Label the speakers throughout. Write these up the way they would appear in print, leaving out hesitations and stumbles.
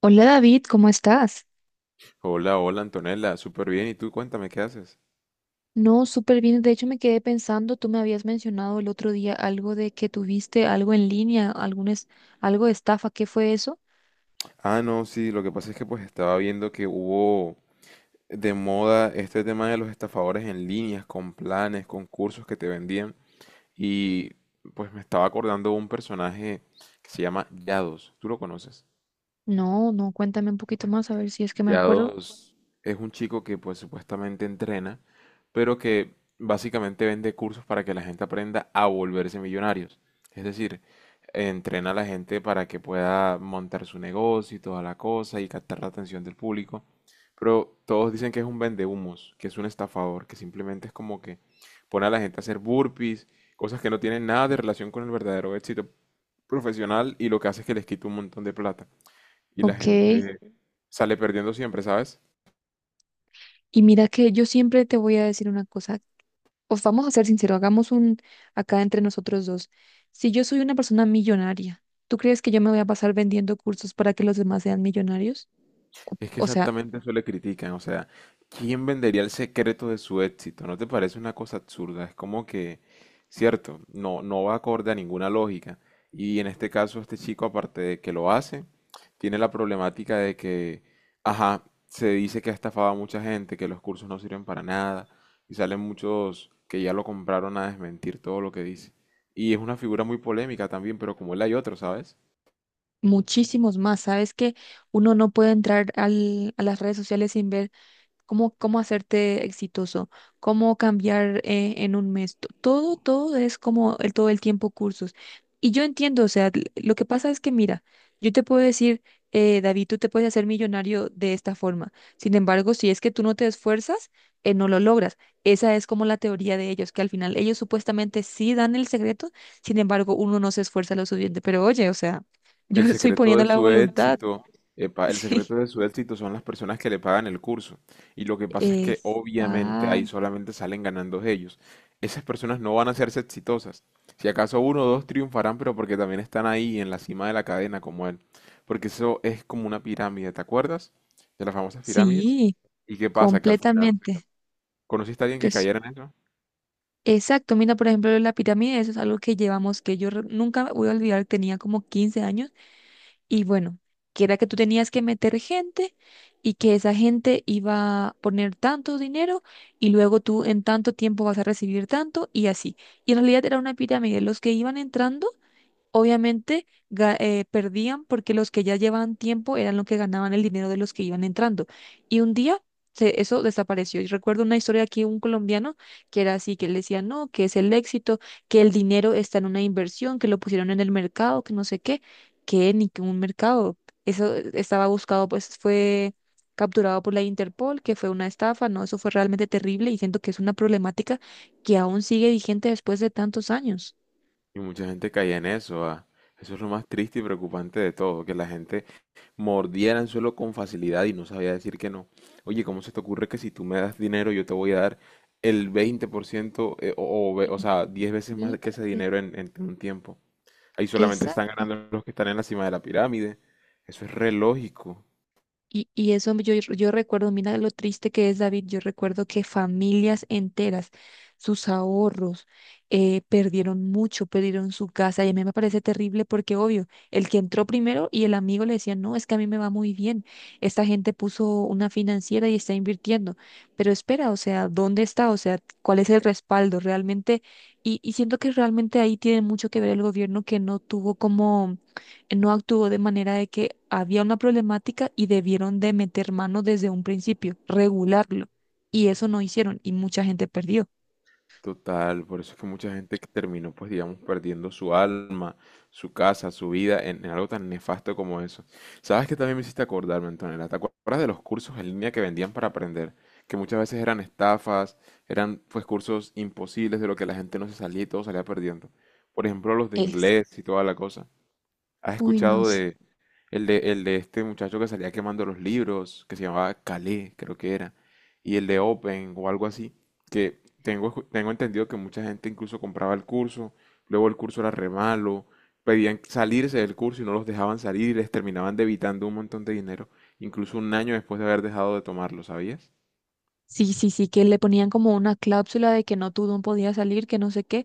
Speaker 1: Hola David, ¿cómo estás?
Speaker 2: Hola, hola Antonella, súper bien. ¿Y tú cuéntame qué haces?
Speaker 1: No, súper bien. De hecho, me quedé pensando, tú me habías mencionado el otro día algo de que tuviste algo en línea, algo de estafa. ¿Qué fue eso?
Speaker 2: No, sí, lo que pasa es que pues estaba viendo que hubo de moda este tema de los estafadores en líneas, con planes, con cursos que te vendían. Y pues me estaba acordando de un personaje que se llama Yados. ¿Tú lo conoces?
Speaker 1: No, no, cuéntame un poquito más a ver si es que me acuerdo.
Speaker 2: Yados es un chico que pues supuestamente entrena, pero que básicamente vende cursos para que la gente aprenda a volverse millonarios. Es decir, entrena a la gente para que pueda montar su negocio y toda la cosa y captar la atención del público. Pero todos dicen que es un vendehumos, que es un estafador, que simplemente es como que pone a la gente a hacer burpees, cosas que no tienen nada de relación con el verdadero éxito profesional y lo que hace es que les quita un montón de plata y la
Speaker 1: Ok.
Speaker 2: gente sale perdiendo siempre, ¿sabes?
Speaker 1: Y mira que yo siempre te voy a decir una cosa. Os vamos a ser sinceros, hagamos un acá entre nosotros dos. Si yo soy una persona millonaria, ¿tú crees que yo me voy a pasar vendiendo cursos para que los demás sean millonarios? O
Speaker 2: Es que
Speaker 1: o sea.
Speaker 2: exactamente eso le critican, o sea, ¿quién vendería el secreto de su éxito? ¿No te parece una cosa absurda? Es como que, cierto, no, no va acorde a ninguna lógica. Y en este caso, este chico, aparte de que lo hace, tiene la problemática de que, ajá, se dice que ha estafado a mucha gente, que los cursos no sirven para nada, y salen muchos que ya lo compraron a desmentir todo lo que dice. Y es una figura muy polémica también, pero como él hay otro, ¿sabes?
Speaker 1: Muchísimos más. Sabes que uno no puede entrar a las redes sociales sin ver cómo hacerte exitoso, cómo cambiar en un mes. Todo es como todo el tiempo cursos. Y yo entiendo, o sea, lo que pasa es que, mira, yo te puedo decir, David, tú te puedes hacer millonario de esta forma. Sin embargo, si es que tú no te esfuerzas, no lo logras. Esa es como la teoría de ellos, que al final ellos supuestamente sí dan el secreto, sin embargo, uno no se esfuerza lo suficiente. Pero oye, o sea, yo
Speaker 2: El
Speaker 1: estoy
Speaker 2: secreto
Speaker 1: poniendo
Speaker 2: de
Speaker 1: la
Speaker 2: su
Speaker 1: voluntad.
Speaker 2: éxito, epa, el secreto de su éxito son las personas que le pagan el curso. Y lo que pasa es
Speaker 1: Sí,
Speaker 2: que obviamente ahí
Speaker 1: exacto.
Speaker 2: solamente salen ganando ellos. Esas personas no van a hacerse exitosas. Si acaso uno o dos triunfarán, pero porque también están ahí en la cima de la cadena como él. Porque eso es como una pirámide, ¿te acuerdas? De las famosas pirámides.
Speaker 1: Sí.
Speaker 2: ¿Y qué pasa? Que al final,
Speaker 1: Completamente.
Speaker 2: ¿conociste a alguien
Speaker 1: Que
Speaker 2: que
Speaker 1: es,
Speaker 2: cayera en eso?
Speaker 1: exacto. Mira, por ejemplo, la pirámide, eso es algo que llevamos, nunca me voy a olvidar, tenía como 15 años y bueno, que era que tú tenías que meter gente y que esa gente iba a poner tanto dinero y luego tú en tanto tiempo vas a recibir tanto y así. Y en realidad era una pirámide. Los que iban entrando, obviamente perdían porque los que ya llevaban tiempo eran los que ganaban el dinero de los que iban entrando. Y un día eso desapareció. Y recuerdo una historia aquí, un colombiano que era así, que él decía, no, que es el éxito, que el dinero está en una inversión, que lo pusieron en el mercado, que no sé qué, que ni que un mercado. Eso estaba buscado, pues fue capturado por la Interpol, que fue una estafa, ¿no? Eso fue realmente terrible y siento que es una problemática que aún sigue vigente después de tantos años.
Speaker 2: Y mucha gente caía en eso. Ah. Eso es lo más triste y preocupante de todo, que la gente mordía el anzuelo con facilidad y no sabía decir que no. Oye, ¿cómo se te ocurre que si tú me das dinero yo te voy a dar el 20% o sea, 10 veces más que ese
Speaker 1: Imagínate.
Speaker 2: dinero en un tiempo? Ahí solamente
Speaker 1: Esa,
Speaker 2: están ganando los que están en la cima de la pirámide. Eso es re lógico.
Speaker 1: y eso yo recuerdo, mira lo triste que es, David, yo recuerdo que familias enteras, sus ahorros, perdieron mucho, perdieron su casa, y a mí me parece terrible porque, obvio, el que entró primero y el amigo le decía, no, es que a mí me va muy bien, esta gente puso una financiera y está invirtiendo, pero espera, o sea, ¿dónde está? O sea, ¿cuál es el respaldo realmente? Y siento que realmente ahí tiene mucho que ver el gobierno que no tuvo como, no actuó de manera de que había una problemática y debieron de meter mano desde un principio, regularlo. Y eso no hicieron y mucha gente perdió.
Speaker 2: Total, por eso es que mucha gente que terminó, pues digamos, perdiendo su alma, su casa, su vida en algo tan nefasto como eso. ¿Sabes que también me hiciste acordarme, Antonella? ¿Te acuerdas de los cursos en línea que vendían para aprender? Que muchas veces eran estafas, eran pues cursos imposibles de lo que la gente no se salía y todo salía perdiendo. Por ejemplo, los de
Speaker 1: Es.
Speaker 2: inglés y toda la cosa. ¿Has
Speaker 1: Uy, no
Speaker 2: escuchado
Speaker 1: sé.
Speaker 2: de este muchacho que salía quemando los libros, que se llamaba Calais, creo que era, y el de Open o algo así, que tengo entendido que mucha gente incluso compraba el curso, luego el curso era re malo, pedían salirse del curso y no los dejaban salir y les terminaban debitando un montón de dinero, incluso un año después de haber dejado de tomarlo, ¿sabías?
Speaker 1: Sí, sí, sí, que le ponían como una cláusula de que no, tú no podías salir, que no sé qué.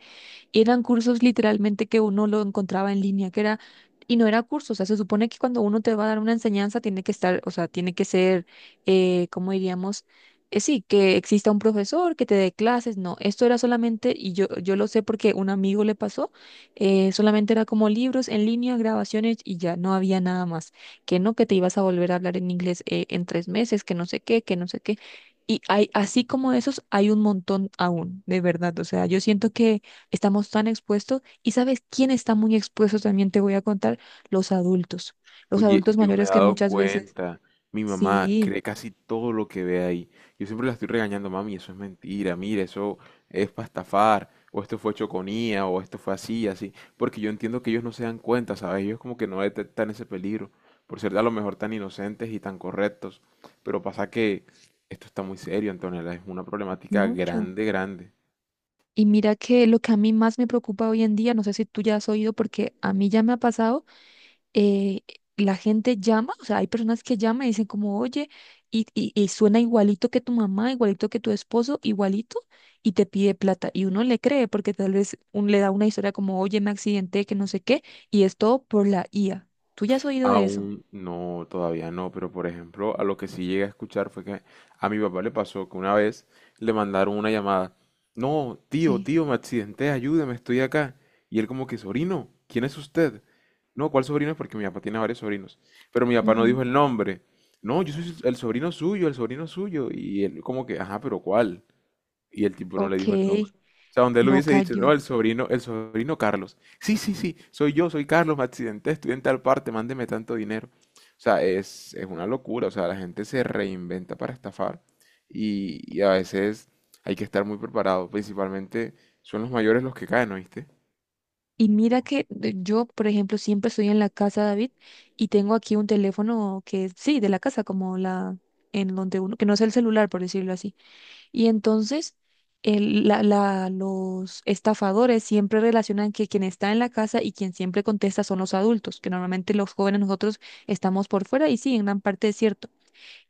Speaker 1: Y eran cursos literalmente que uno lo encontraba en línea, que era, y no era curso, o sea, se supone que cuando uno te va a dar una enseñanza tiene que estar, o sea, tiene que ser, ¿cómo diríamos? Sí, que exista un profesor que te dé clases, no, esto era solamente, y yo lo sé porque un amigo le pasó, solamente era como libros en línea, grabaciones y ya, no había nada más, que no, que te ibas a volver a hablar en inglés en 3 meses, que no sé qué, que no sé qué. Y hay, así como esos, hay un montón aún, de verdad. O sea, yo siento que estamos tan expuestos. ¿Y sabes quién está muy expuesto? También te voy a contar, los adultos, los
Speaker 2: Oye,
Speaker 1: adultos
Speaker 2: yo me he
Speaker 1: mayores que
Speaker 2: dado
Speaker 1: muchas veces,
Speaker 2: cuenta, mi mamá
Speaker 1: sí,
Speaker 2: cree casi todo lo que ve ahí. Yo siempre la estoy regañando, mami, eso es mentira, mira, eso es para estafar, o esto fue choconía, o esto fue así, así, porque yo entiendo que ellos no se dan cuenta, ¿sabes? Ellos como que no detectan ese peligro, por ser a lo mejor tan inocentes y tan correctos, pero pasa que esto está muy serio, Antonella, es una problemática
Speaker 1: mucho.
Speaker 2: grande, grande.
Speaker 1: Y mira que lo que a mí más me preocupa hoy en día, no sé si tú ya has oído, porque a mí ya me ha pasado, eh, la gente llama, o sea, hay personas que llaman y dicen como, oye, y suena igualito que tu mamá, igualito que tu esposo, igualito, y te pide plata. Y uno le cree porque tal vez un, le da una historia como, oye, me accidenté, que no sé qué, y es todo por la IA. ¿Tú ya has oído de eso?
Speaker 2: Aún no, todavía no, pero por ejemplo, a lo que sí llegué a escuchar fue que a mi papá le pasó que una vez le mandaron una llamada. No, tío,
Speaker 1: Sí.
Speaker 2: tío, me accidenté, ayúdeme, estoy acá. Y él como que, sobrino, ¿quién es usted? No, ¿cuál sobrino? Porque mi papá tiene varios sobrinos. Pero mi papá no
Speaker 1: Ujú.
Speaker 2: dijo el nombre. No, yo soy el sobrino suyo, el sobrino suyo. Y él como que, ajá, pero ¿cuál? Y el tipo no le
Speaker 1: Ok,
Speaker 2: dijo el nombre. O sea, donde él
Speaker 1: no
Speaker 2: hubiese dicho,
Speaker 1: cayó.
Speaker 2: no, el sobrino Carlos. Sí, sí, sí, soy yo, soy Carlos, me accidenté, estudié en tal parte, mándeme tanto dinero. O sea, es una locura. O sea, la gente se reinventa para estafar y a veces hay que estar muy preparado. Principalmente son los mayores los que caen, ¿oíste?
Speaker 1: Y mira yo, por ejemplo, siempre estoy en la casa, David, y tengo aquí un teléfono que es, sí, de la casa, como la, en donde uno, que no es el celular, por decirlo así. Y entonces los estafadores siempre relacionan que quien está en la casa y quien siempre contesta son los adultos, que normalmente los jóvenes nosotros estamos por fuera y sí, en gran parte es cierto,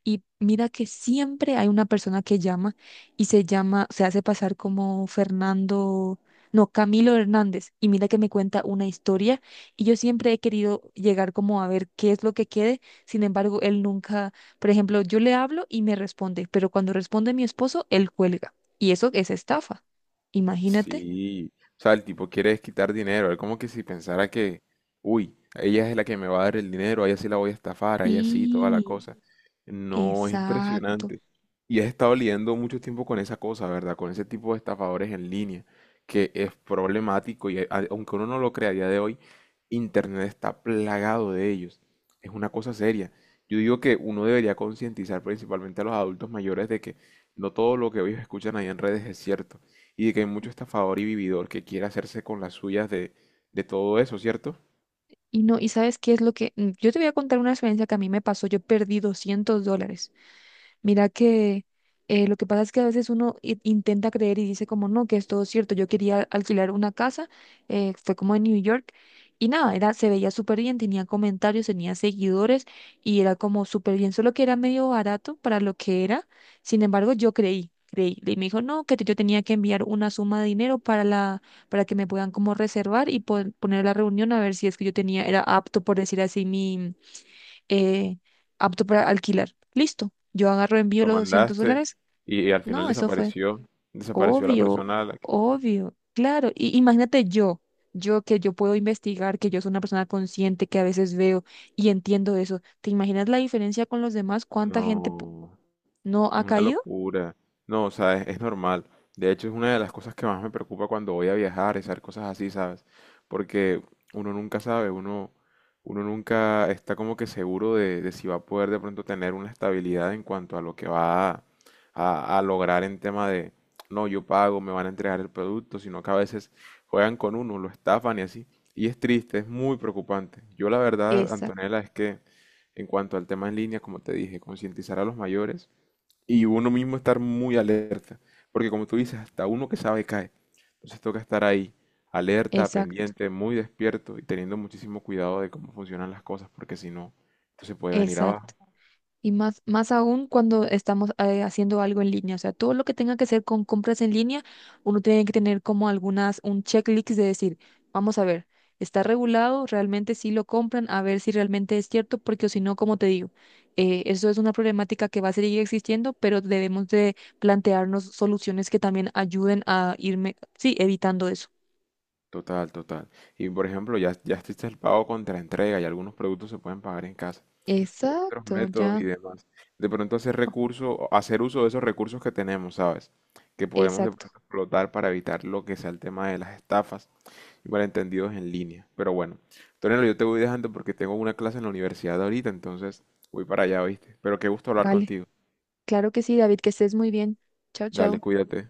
Speaker 1: y mira que siempre hay una persona que llama se hace pasar como Fernando, no, Camilo Hernández. Y mira que me cuenta una historia y yo siempre he querido llegar como a ver qué es lo que quede. Sin embargo, él nunca, por ejemplo, yo le hablo y me responde, pero cuando responde mi esposo, él cuelga. Y eso es estafa. Imagínate.
Speaker 2: Sí, o sea, el tipo quiere quitar dinero, es como que si pensara que, uy, ella es la que me va a dar el dinero, a ella sí la voy a estafar, a ella sí, toda la
Speaker 1: Sí,
Speaker 2: cosa. No, es
Speaker 1: exacto.
Speaker 2: impresionante. Y has estado lidiando mucho tiempo con esa cosa, ¿verdad? Con ese tipo de estafadores en línea, que es problemático y aunque uno no lo crea a día de hoy, Internet está plagado de ellos. Es una cosa seria. Yo digo que uno debería concientizar principalmente a los adultos mayores de que no todo lo que ellos escuchan ahí en redes es cierto y de que hay mucho estafador y vividor que quiere hacerse con las suyas de todo eso, ¿cierto?
Speaker 1: Y no, ¿y sabes qué es lo que? Yo te voy a contar una experiencia que a mí me pasó. Yo perdí $200. Mira que lo que pasa es que a veces uno intenta creer y dice como no, que es todo cierto. Yo quería alquilar una casa, fue como en New York y nada, era, se veía súper bien, tenía comentarios, tenía seguidores y era como súper bien, solo que era medio barato para lo que era. Sin embargo, yo creí. Y me dijo, no, que yo tenía que enviar una suma de dinero para la, para que me puedan como reservar y poner la reunión a ver si es que yo tenía, era apto, por decir así, mi eh, apto para alquilar. Listo, yo agarro, envío
Speaker 2: Lo
Speaker 1: los 200
Speaker 2: mandaste
Speaker 1: dólares.
Speaker 2: al final
Speaker 1: No, eso fue
Speaker 2: desapareció, desapareció la
Speaker 1: obvio,
Speaker 2: persona a la que...
Speaker 1: obvio, claro. Y imagínate yo, yo que yo puedo investigar, que yo soy una persona consciente, que a veces veo y entiendo eso. ¿Te imaginas la diferencia con los demás? ¿Cuánta gente
Speaker 2: No.
Speaker 1: no
Speaker 2: Es
Speaker 1: ha
Speaker 2: una
Speaker 1: caído?
Speaker 2: locura. No, o sea, es normal. De hecho, es una de las cosas que más me preocupa cuando voy a viajar, es hacer cosas así, ¿sabes? Porque uno nunca sabe, uno, uno nunca está como que seguro de si va a poder de pronto tener una estabilidad en cuanto a lo que va a lograr en tema de, no, yo pago, me van a entregar el producto, sino que a veces juegan con uno, lo estafan y así. Y es triste, es muy preocupante. Yo la verdad,
Speaker 1: Exacto,
Speaker 2: Antonella, es que en cuanto al tema en línea, como te dije, concientizar a los mayores y uno mismo estar muy alerta, porque como tú dices, hasta uno que sabe cae. Entonces toca estar ahí, alerta,
Speaker 1: exacto,
Speaker 2: pendiente, muy despierto y teniendo muchísimo cuidado de cómo funcionan las cosas, porque si no, esto se puede venir
Speaker 1: exacto.
Speaker 2: abajo.
Speaker 1: Y más, más aún cuando estamos haciendo algo en línea. O sea, todo lo que tenga que ser con compras en línea, uno tiene que tener como algunas, un checklist de decir, vamos a ver, está regulado, realmente sí lo compran, a ver si realmente es cierto, porque si no, como te digo, eso es una problemática que va a seguir existiendo, pero debemos de plantearnos soluciones que también ayuden a irme, sí, evitando eso.
Speaker 2: Total, total. Y por ejemplo, ya existe el pago contra entrega y algunos productos se pueden pagar en casa. Y hay otros
Speaker 1: Exacto,
Speaker 2: métodos y
Speaker 1: ya.
Speaker 2: demás. De pronto hacer recurso, hacer uso de esos recursos que tenemos, ¿sabes? Que podemos de
Speaker 1: Exacto.
Speaker 2: pronto explotar para evitar lo que sea el tema de las estafas malentendidos en línea. Pero bueno, Tonelo, yo te voy dejando porque tengo una clase en la universidad ahorita, entonces voy para allá, ¿oíste? Pero qué gusto hablar
Speaker 1: Vale.
Speaker 2: contigo.
Speaker 1: Claro que sí, David, que estés muy bien. Chao,
Speaker 2: Dale,
Speaker 1: chao.
Speaker 2: cuídate.